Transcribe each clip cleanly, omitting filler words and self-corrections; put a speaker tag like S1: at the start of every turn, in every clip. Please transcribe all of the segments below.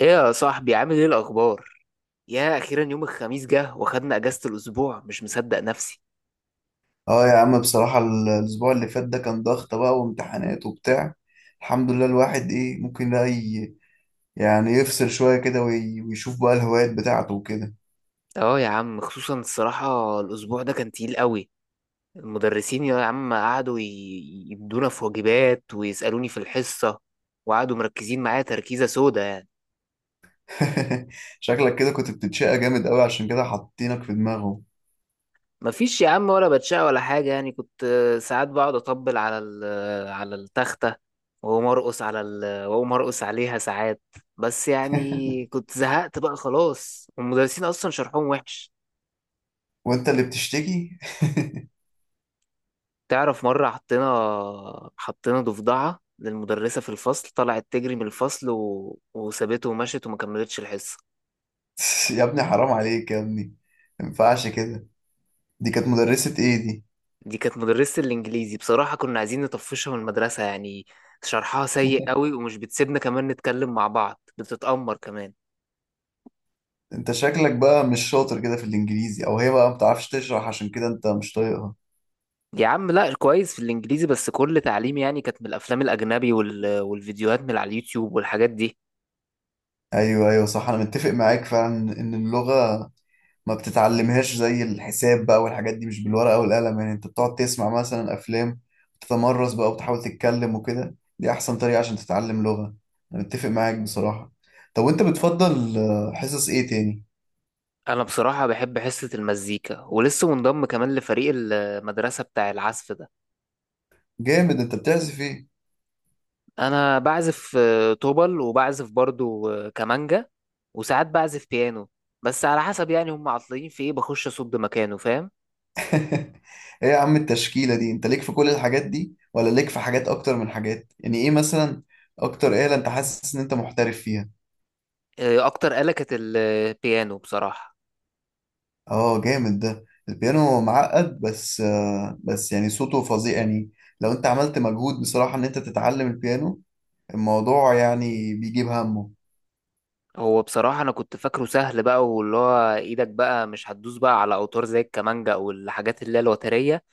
S1: ايه يا صاحبي، عامل ايه الاخبار؟ يا اخيرا يوم الخميس جه واخدنا اجازة الاسبوع، مش مصدق نفسي.
S2: اه يا عم بصراحة الأسبوع اللي فات ده كان ضغط بقى وامتحانات وبتاع. الحمد لله الواحد إيه ممكن بقى يعني يفصل شوية كده ويشوف بقى الهوايات بتاعته وكده.
S1: اه يا عم، خصوصا الصراحة الاسبوع ده كان تقيل قوي. المدرسين يا عم قعدوا يدونا في واجبات ويسألوني في الحصة، وقعدوا مركزين معايا تركيزة سودا يعني.
S2: شكلك كده كنت بتتشقى جامد قوي عشان كده حاطينك في دماغه،
S1: مفيش يا عم، ولا بتشقى ولا حاجة. يعني كنت ساعات بقعد اطبل على على التختة، واقوم ارقص عليها ساعات. بس يعني كنت زهقت بقى خلاص، والمدرسين اصلا شرحهم وحش.
S2: وأنت اللي بتشتكي.
S1: تعرف مرة حطينا ضفدعة للمدرسة في الفصل، طلعت تجري من الفصل وسابته ومشت وما كملتش الحصة.
S2: يا ابني حرام عليك يا ابني، مينفعش كده. دي كانت مدرسة إيه دي؟
S1: دي كانت مدرسة الإنجليزي، بصراحة كنا عايزين نطفشها من المدرسة يعني. شرحها سيء قوي، ومش بتسيبنا كمان نتكلم مع بعض، بتتأمر كمان.
S2: أنت شكلك بقى مش شاطر كده في الإنجليزي، أو هي بقى ما بتعرفش تشرح عشان كده أنت مش طايقها.
S1: يا عم لا، كويس في الإنجليزي، بس كل تعليم يعني كانت من الأفلام الأجنبي والفيديوهات من على اليوتيوب والحاجات دي.
S2: أيوه أيوه صح، أنا متفق معاك فعلا إن اللغة ما بتتعلمهاش زي الحساب بقى والحاجات دي، مش بالورقة والقلم يعني، انت بتقعد تسمع مثلا افلام، تتمرس بقى وتحاول تتكلم وكده، دي احسن طريقة عشان تتعلم لغة. انا متفق معاك بصراحة. طب وانت بتفضل حصص ايه تاني؟
S1: أنا بصراحة بحب حصة المزيكا، ولسه منضم كمان لفريق المدرسة بتاع العزف ده.
S2: جامد، انت بتعزف ايه؟
S1: انا بعزف طبل، وبعزف برضو كمانجا، وساعات بعزف بيانو. بس على حسب يعني، هم عطلين في ايه بخش اصد مكانه، فاهم؟
S2: ايه يا عم التشكيلة دي، انت ليك في كل الحاجات دي ولا ليك في حاجات اكتر من حاجات؟ يعني ايه مثلا اكتر آلة انت حاسس ان انت محترف فيها؟
S1: اكتر آلة كانت البيانو بصراحة.
S2: اه جامد، ده البيانو معقد بس يعني صوته فظيع يعني. لو انت عملت مجهود بصراحة ان انت تتعلم البيانو، الموضوع يعني بيجيب همه.
S1: هو بصراحة انا كنت فاكره سهل بقى، واللي هو ايدك بقى مش هتدوس بقى على اوتار زي الكمانجا او الحاجات اللي هي الوترية.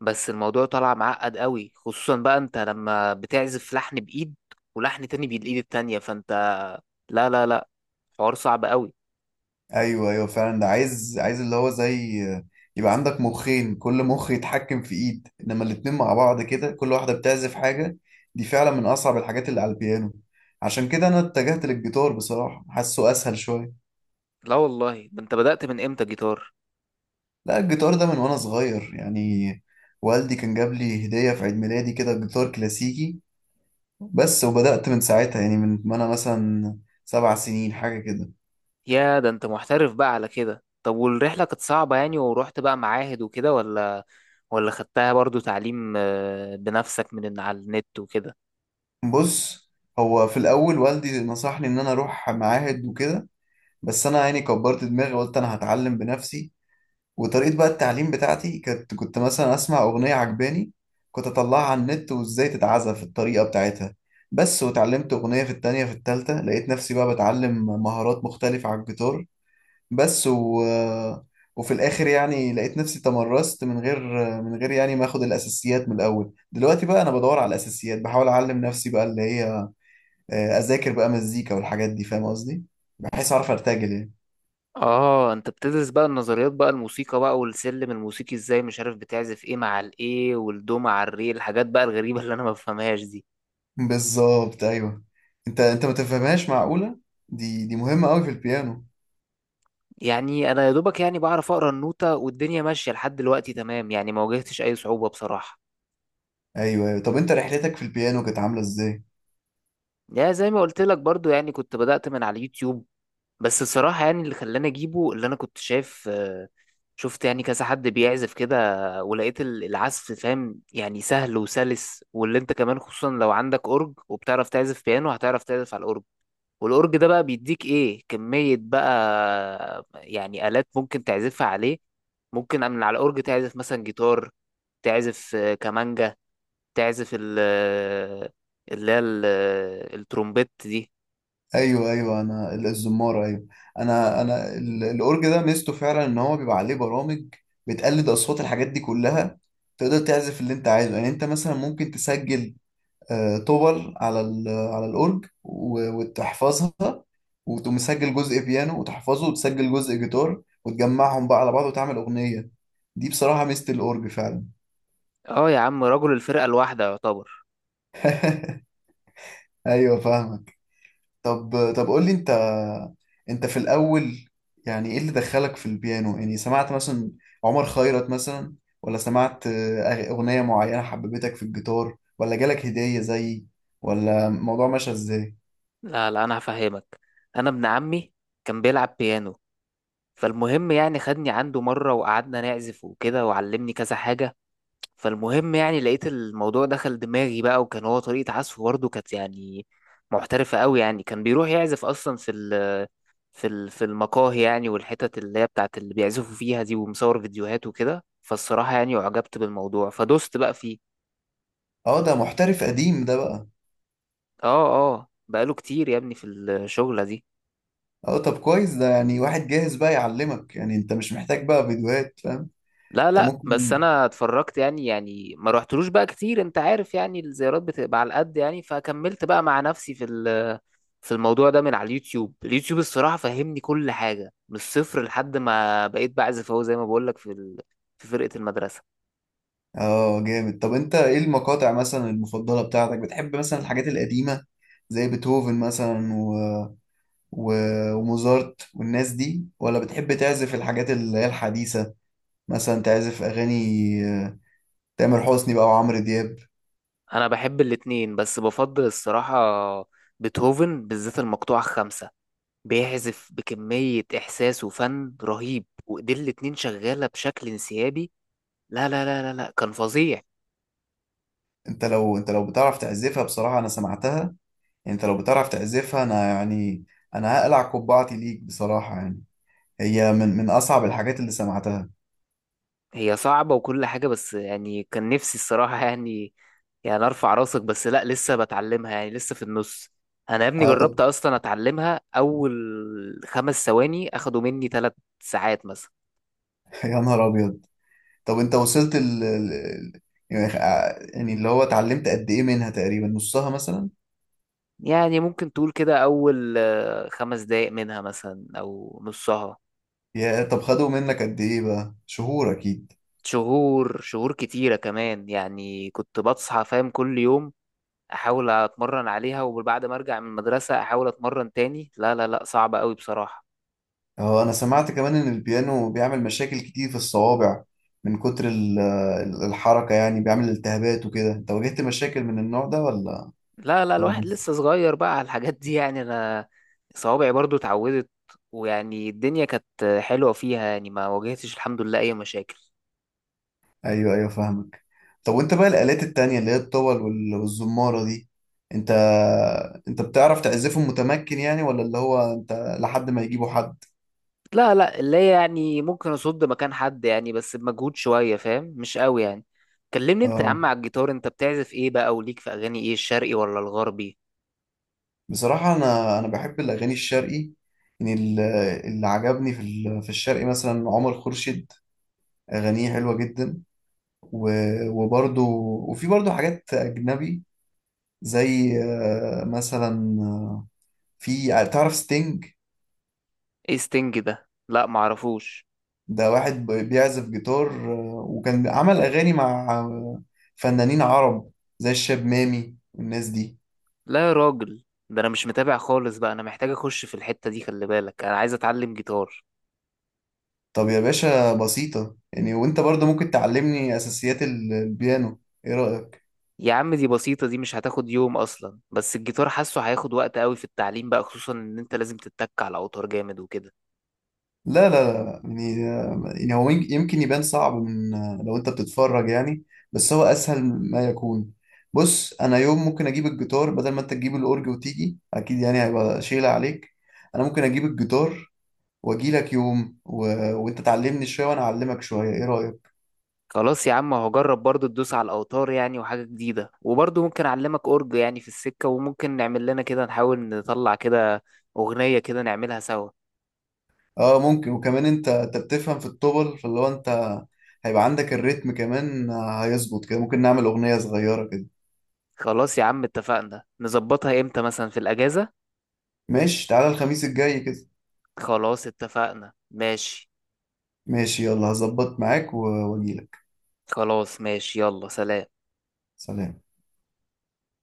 S1: بس الموضوع طلع معقد قوي، خصوصا بقى انت لما بتعزف لحن بايد ولحن تاني بالايد التانية، فانت لا، حوار صعب قوي.
S2: ايوه ايوه فعلا، ده عايز اللي هو زي يبقى عندك مخين، كل مخ يتحكم في ايد، انما الاتنين مع بعض كده كل واحدة بتعزف حاجة. دي فعلا من اصعب الحاجات اللي على البيانو. عشان كده انا اتجهت للجيتار بصراحة، حاسه اسهل شوية.
S1: لا والله، ده انت بدأت من امتى جيتار؟
S2: لا الجيتار ده من وانا صغير يعني. والدي كان جاب لي هدية في عيد ميلادي كده جيتار كلاسيكي. بس وبدأت من ساعتها، يعني من ما انا مثلا 7 سنين حاجة كده.
S1: يا ده انت محترف بقى على كده. طب والرحلة كانت صعبة يعني؟ ورحت بقى معاهد وكده ولا ولا خدتها برضو تعليم بنفسك من على النت وكده؟
S2: بص، هو في الاول والدي نصحني ان انا اروح معاهد وكده، بس انا يعني كبرت دماغي وقلت انا هتعلم بنفسي. وطريقة بقى التعليم بتاعتي كانت، كنت مثلا أسمع أغنية عجباني، كنت أطلعها على النت وإزاي تتعزف الطريقة بتاعتها بس، وتعلمت أغنية، في التانية في التالتة لقيت نفسي بقى بتعلم مهارات مختلفة على الجيتار بس. وفي الآخر يعني لقيت نفسي تمرست من غير يعني ما أخد الأساسيات من الأول. دلوقتي بقى أنا بدور على الأساسيات، بحاول أعلم نفسي بقى اللي هي أذاكر بقى مزيكا والحاجات دي، فاهم قصدي؟ بحيث أعرف أرتجل يعني.
S1: اه، انت بتدرس بقى النظريات بقى الموسيقى بقى، والسلم الموسيقي ازاي مش عارف، بتعزف ايه مع الايه، والدو مع الري، الحاجات بقى الغريبة اللي انا ما بفهمهاش دي.
S2: بالظبط ايوه. انت ما تفهمهاش معقولة؟ دي مهمة قوي في البيانو.
S1: يعني انا يا دوبك يعني بعرف اقرا النوتة، والدنيا ماشية لحد دلوقتي تمام يعني، ما واجهتش اي صعوبة بصراحة.
S2: ايوه ايوه، طب انت رحلتك في البيانو كانت عاملة ازاي؟
S1: يا زي ما قلت لك برضو، يعني كنت بدأت من على اليوتيوب. بس الصراحة يعني اللي خلاني أجيبه، اللي أنا كنت شايف شفت يعني كذا حد بيعزف كده، ولقيت العزف فاهم يعني سهل وسلس. واللي أنت كمان خصوصا لو عندك أورج وبتعرف تعزف بيانو، هتعرف تعزف على الأورج. والأورج ده بقى بيديك إيه كمية بقى يعني آلات ممكن تعزفها عليه. ممكن من على الأورج تعزف مثلا جيتار، تعزف كمانجا، تعزف ال اللي هي ال- الترومبيت دي.
S2: ايوه ايوه، انا الزمارة، ايوه. انا الاورج ده ميزته فعلا ان هو بيبقى عليه برامج بتقلد اصوات الحاجات دي كلها. تقدر تعزف اللي انت عايزه يعني، انت مثلا ممكن تسجل توبل على على الاورج وتحفظها، وتقوم مسجل جزء بيانو وتحفظه، وتسجل جزء جيتار، وتجمعهم بقى على بعض وتعمل أغنية. دي بصراحة ميزة الأورج فعلا.
S1: اه يا عم، رجل الفرقة الواحدة يعتبر.
S2: أيوة فاهمك. طب قول لي أنت، أنت في الأول يعني إيه اللي دخلك في البيانو؟ يعني سمعت مثلا عمر خيرت مثلا؟ ولا سمعت أغنية معينة حببتك في الجيتار؟ ولا جالك هدية زيي؟ ولا الموضوع ماشي إزاي؟
S1: لا لا، انا هفهمك. انا ابن عمي كان بيلعب بيانو. فالمهم يعني خدني عنده مرة وقعدنا نعزف وكده، وعلمني كذا حاجة. فالمهم يعني لقيت الموضوع دخل دماغي بقى، وكان هو طريقة عزفه برضه كانت يعني محترفة قوي يعني، كان بيروح يعزف اصلا في المقاهي يعني، والحتت اللي هي بتاعت اللي بيعزفوا فيها دي، ومصور فيديوهات وكده. فالصراحة يعني اعجبت بالموضوع فدوست بقى فيه.
S2: اه ده محترف قديم ده بقى.
S1: اه. اه، بقاله كتير يا ابني في الشغلة دي.
S2: اه طب كويس، ده يعني واحد جاهز بقى يعلمك، يعني انت مش محتاج بقى فيديوهات، فاهم.
S1: لا
S2: انت
S1: لا، بس
S2: ممكن.
S1: انا اتفرجت يعني، يعني ما رحتلوش بقى كتير، انت عارف يعني الزيارات بتبقى على قد يعني. فكملت بقى مع نفسي في الموضوع ده من على اليوتيوب. اليوتيوب الصراحة فهمني كل حاجة من الصفر، لحد ما بقيت بعزف اهو زي ما بقولك في فرقة المدرسة.
S2: اه جامد، طب انت ايه المقاطع مثلا المفضلة بتاعتك؟ بتحب مثلا الحاجات القديمة زي بيتهوفن مثلا و... وموزارت والناس دي، ولا بتحب تعزف الحاجات اللي هي الحديثة، مثلا تعزف اغاني آه، تامر حسني بقى وعمرو دياب؟
S1: انا بحب الاتنين، بس بفضل الصراحة بيتهوفن، بالذات المقطوعة الخامسة. بيعزف بكمية إحساس وفن رهيب، وإيديه الاتنين شغالة بشكل انسيابي. لا، كان فظيع.
S2: انت لو بتعرف تعزفها بصراحة، انا سمعتها، يعني انت لو بتعرف تعزفها انا يعني، انا هقلع قبعتي ليك بصراحة يعني. هي من اصعب الحاجات اللي سمعتها.
S1: هي صعبة وكل حاجة، بس يعني كان نفسي الصراحة يعني، يعني ارفع راسك. بس لا، لسه بتعلمها يعني، لسه في النص. انا يا ابني
S2: اه
S1: جربت
S2: طب.
S1: اصلا اتعلمها، اول 5 ثواني اخدوا مني 3 ساعات مثلا.
S2: يا نهار ابيض. طب انت وصلت يعني يعني اللي هو اتعلمت قد ايه منها؟ تقريبا نصها مثلا؟
S1: يعني ممكن تقول كده اول 5 دقايق منها مثلا او نصها.
S2: يا طب خدوا منك قد ايه بقى؟ شهور اكيد.
S1: شهور، شهور كتيرة كمان يعني، كنت بصحى فاهم كل يوم احاول اتمرن عليها، وبعد ما ارجع من المدرسة احاول اتمرن تاني. لا لا لا، صعبة قوي بصراحة.
S2: اه انا سمعت كمان ان البيانو بيعمل مشاكل كتير في الصوابع من كتر الحركة، يعني بيعمل التهابات وكده، انت واجهت مشاكل من النوع ده ولا
S1: لا لا،
S2: ولا
S1: الواحد
S2: مش؟
S1: لسه صغير بقى على الحاجات دي يعني، انا صوابعي برضو اتعودت، ويعني الدنيا كانت حلوة فيها يعني، ما واجهتش الحمد لله اي مشاكل.
S2: ايوه ايوه فاهمك. طب وانت بقى الآلات التانية اللي هي الطول والزمارة دي، انت انت بتعرف تعزفهم متمكن يعني؟ ولا اللي هو انت لحد ما يجيبوا حد؟
S1: لا لا، اللي هي يعني ممكن اصد مكان حد يعني، بس بمجهود شوية فاهم، مش قوي يعني. كلمني انت يا عم
S2: اه
S1: على الجيتار، انت بتعزف ايه بقى، وليك في اغاني ايه، الشرقي ولا الغربي؟
S2: بصراحة انا بحب الاغاني الشرقي. يعني اللي عجبني في في الشرقي مثلا عمر خورشيد، اغانيه حلوة جدا، وبرضه وفي برضه حاجات اجنبي زي مثلا، في تعرف ستينج؟
S1: ايه ستينج ده؟ لا معرفوش.
S2: ده واحد بيعزف جيتار، وكان عمل أغاني مع فنانين عرب زي الشاب مامي والناس دي.
S1: لا يا راجل، ده انا مش متابع خالص بقى، انا محتاج اخش في الحتة دي، خلي بالك انا عايز اتعلم جيتار.
S2: طب يا باشا بسيطة يعني، وانت برضه ممكن تعلمني أساسيات البيانو، ايه رأيك؟
S1: يا عم دي بسيطة، دي مش هتاخد يوم أصلا، بس الجيتار حاسه هياخد وقت قوي في التعليم بقى، خصوصا إن أنت لازم تتك على الأوتار جامد وكده.
S2: لا لا لا، يعني يعني هو يمكن يبان صعب من لو انت بتتفرج يعني، بس هو أسهل ما يكون. بص أنا يوم ممكن أجيب الجيتار بدل ما انت تجيب الأورج وتيجي، أكيد يعني هيبقى شيلة عليك. أنا ممكن أجيب الجيتار واجي لك يوم وانت تعلمني شويه وانا اعلمك شويه، ايه رايك؟
S1: خلاص يا عم، هجرب برضو تدوس على الأوتار يعني وحاجة جديدة، وبرضو ممكن أعلمك أورج يعني في السكة، وممكن نعمل لنا كده نحاول نطلع كده أغنية كده نعملها سوا.
S2: اه ممكن، وكمان انت بتفهم في الطبل، فاللي هو انت هيبقى عندك الريتم كمان هيظبط كده، ممكن نعمل اغنيه صغيره كده.
S1: خلاص يا عم اتفقنا، نظبطها إمتى مثلا في الأجازة؟
S2: ماشي، تعالى الخميس الجاي كده.
S1: خلاص اتفقنا، ماشي.
S2: ماشي، يلا هظبط معاك واجي لك.
S1: خلاص ماشي، يلا سلام.
S2: سلام.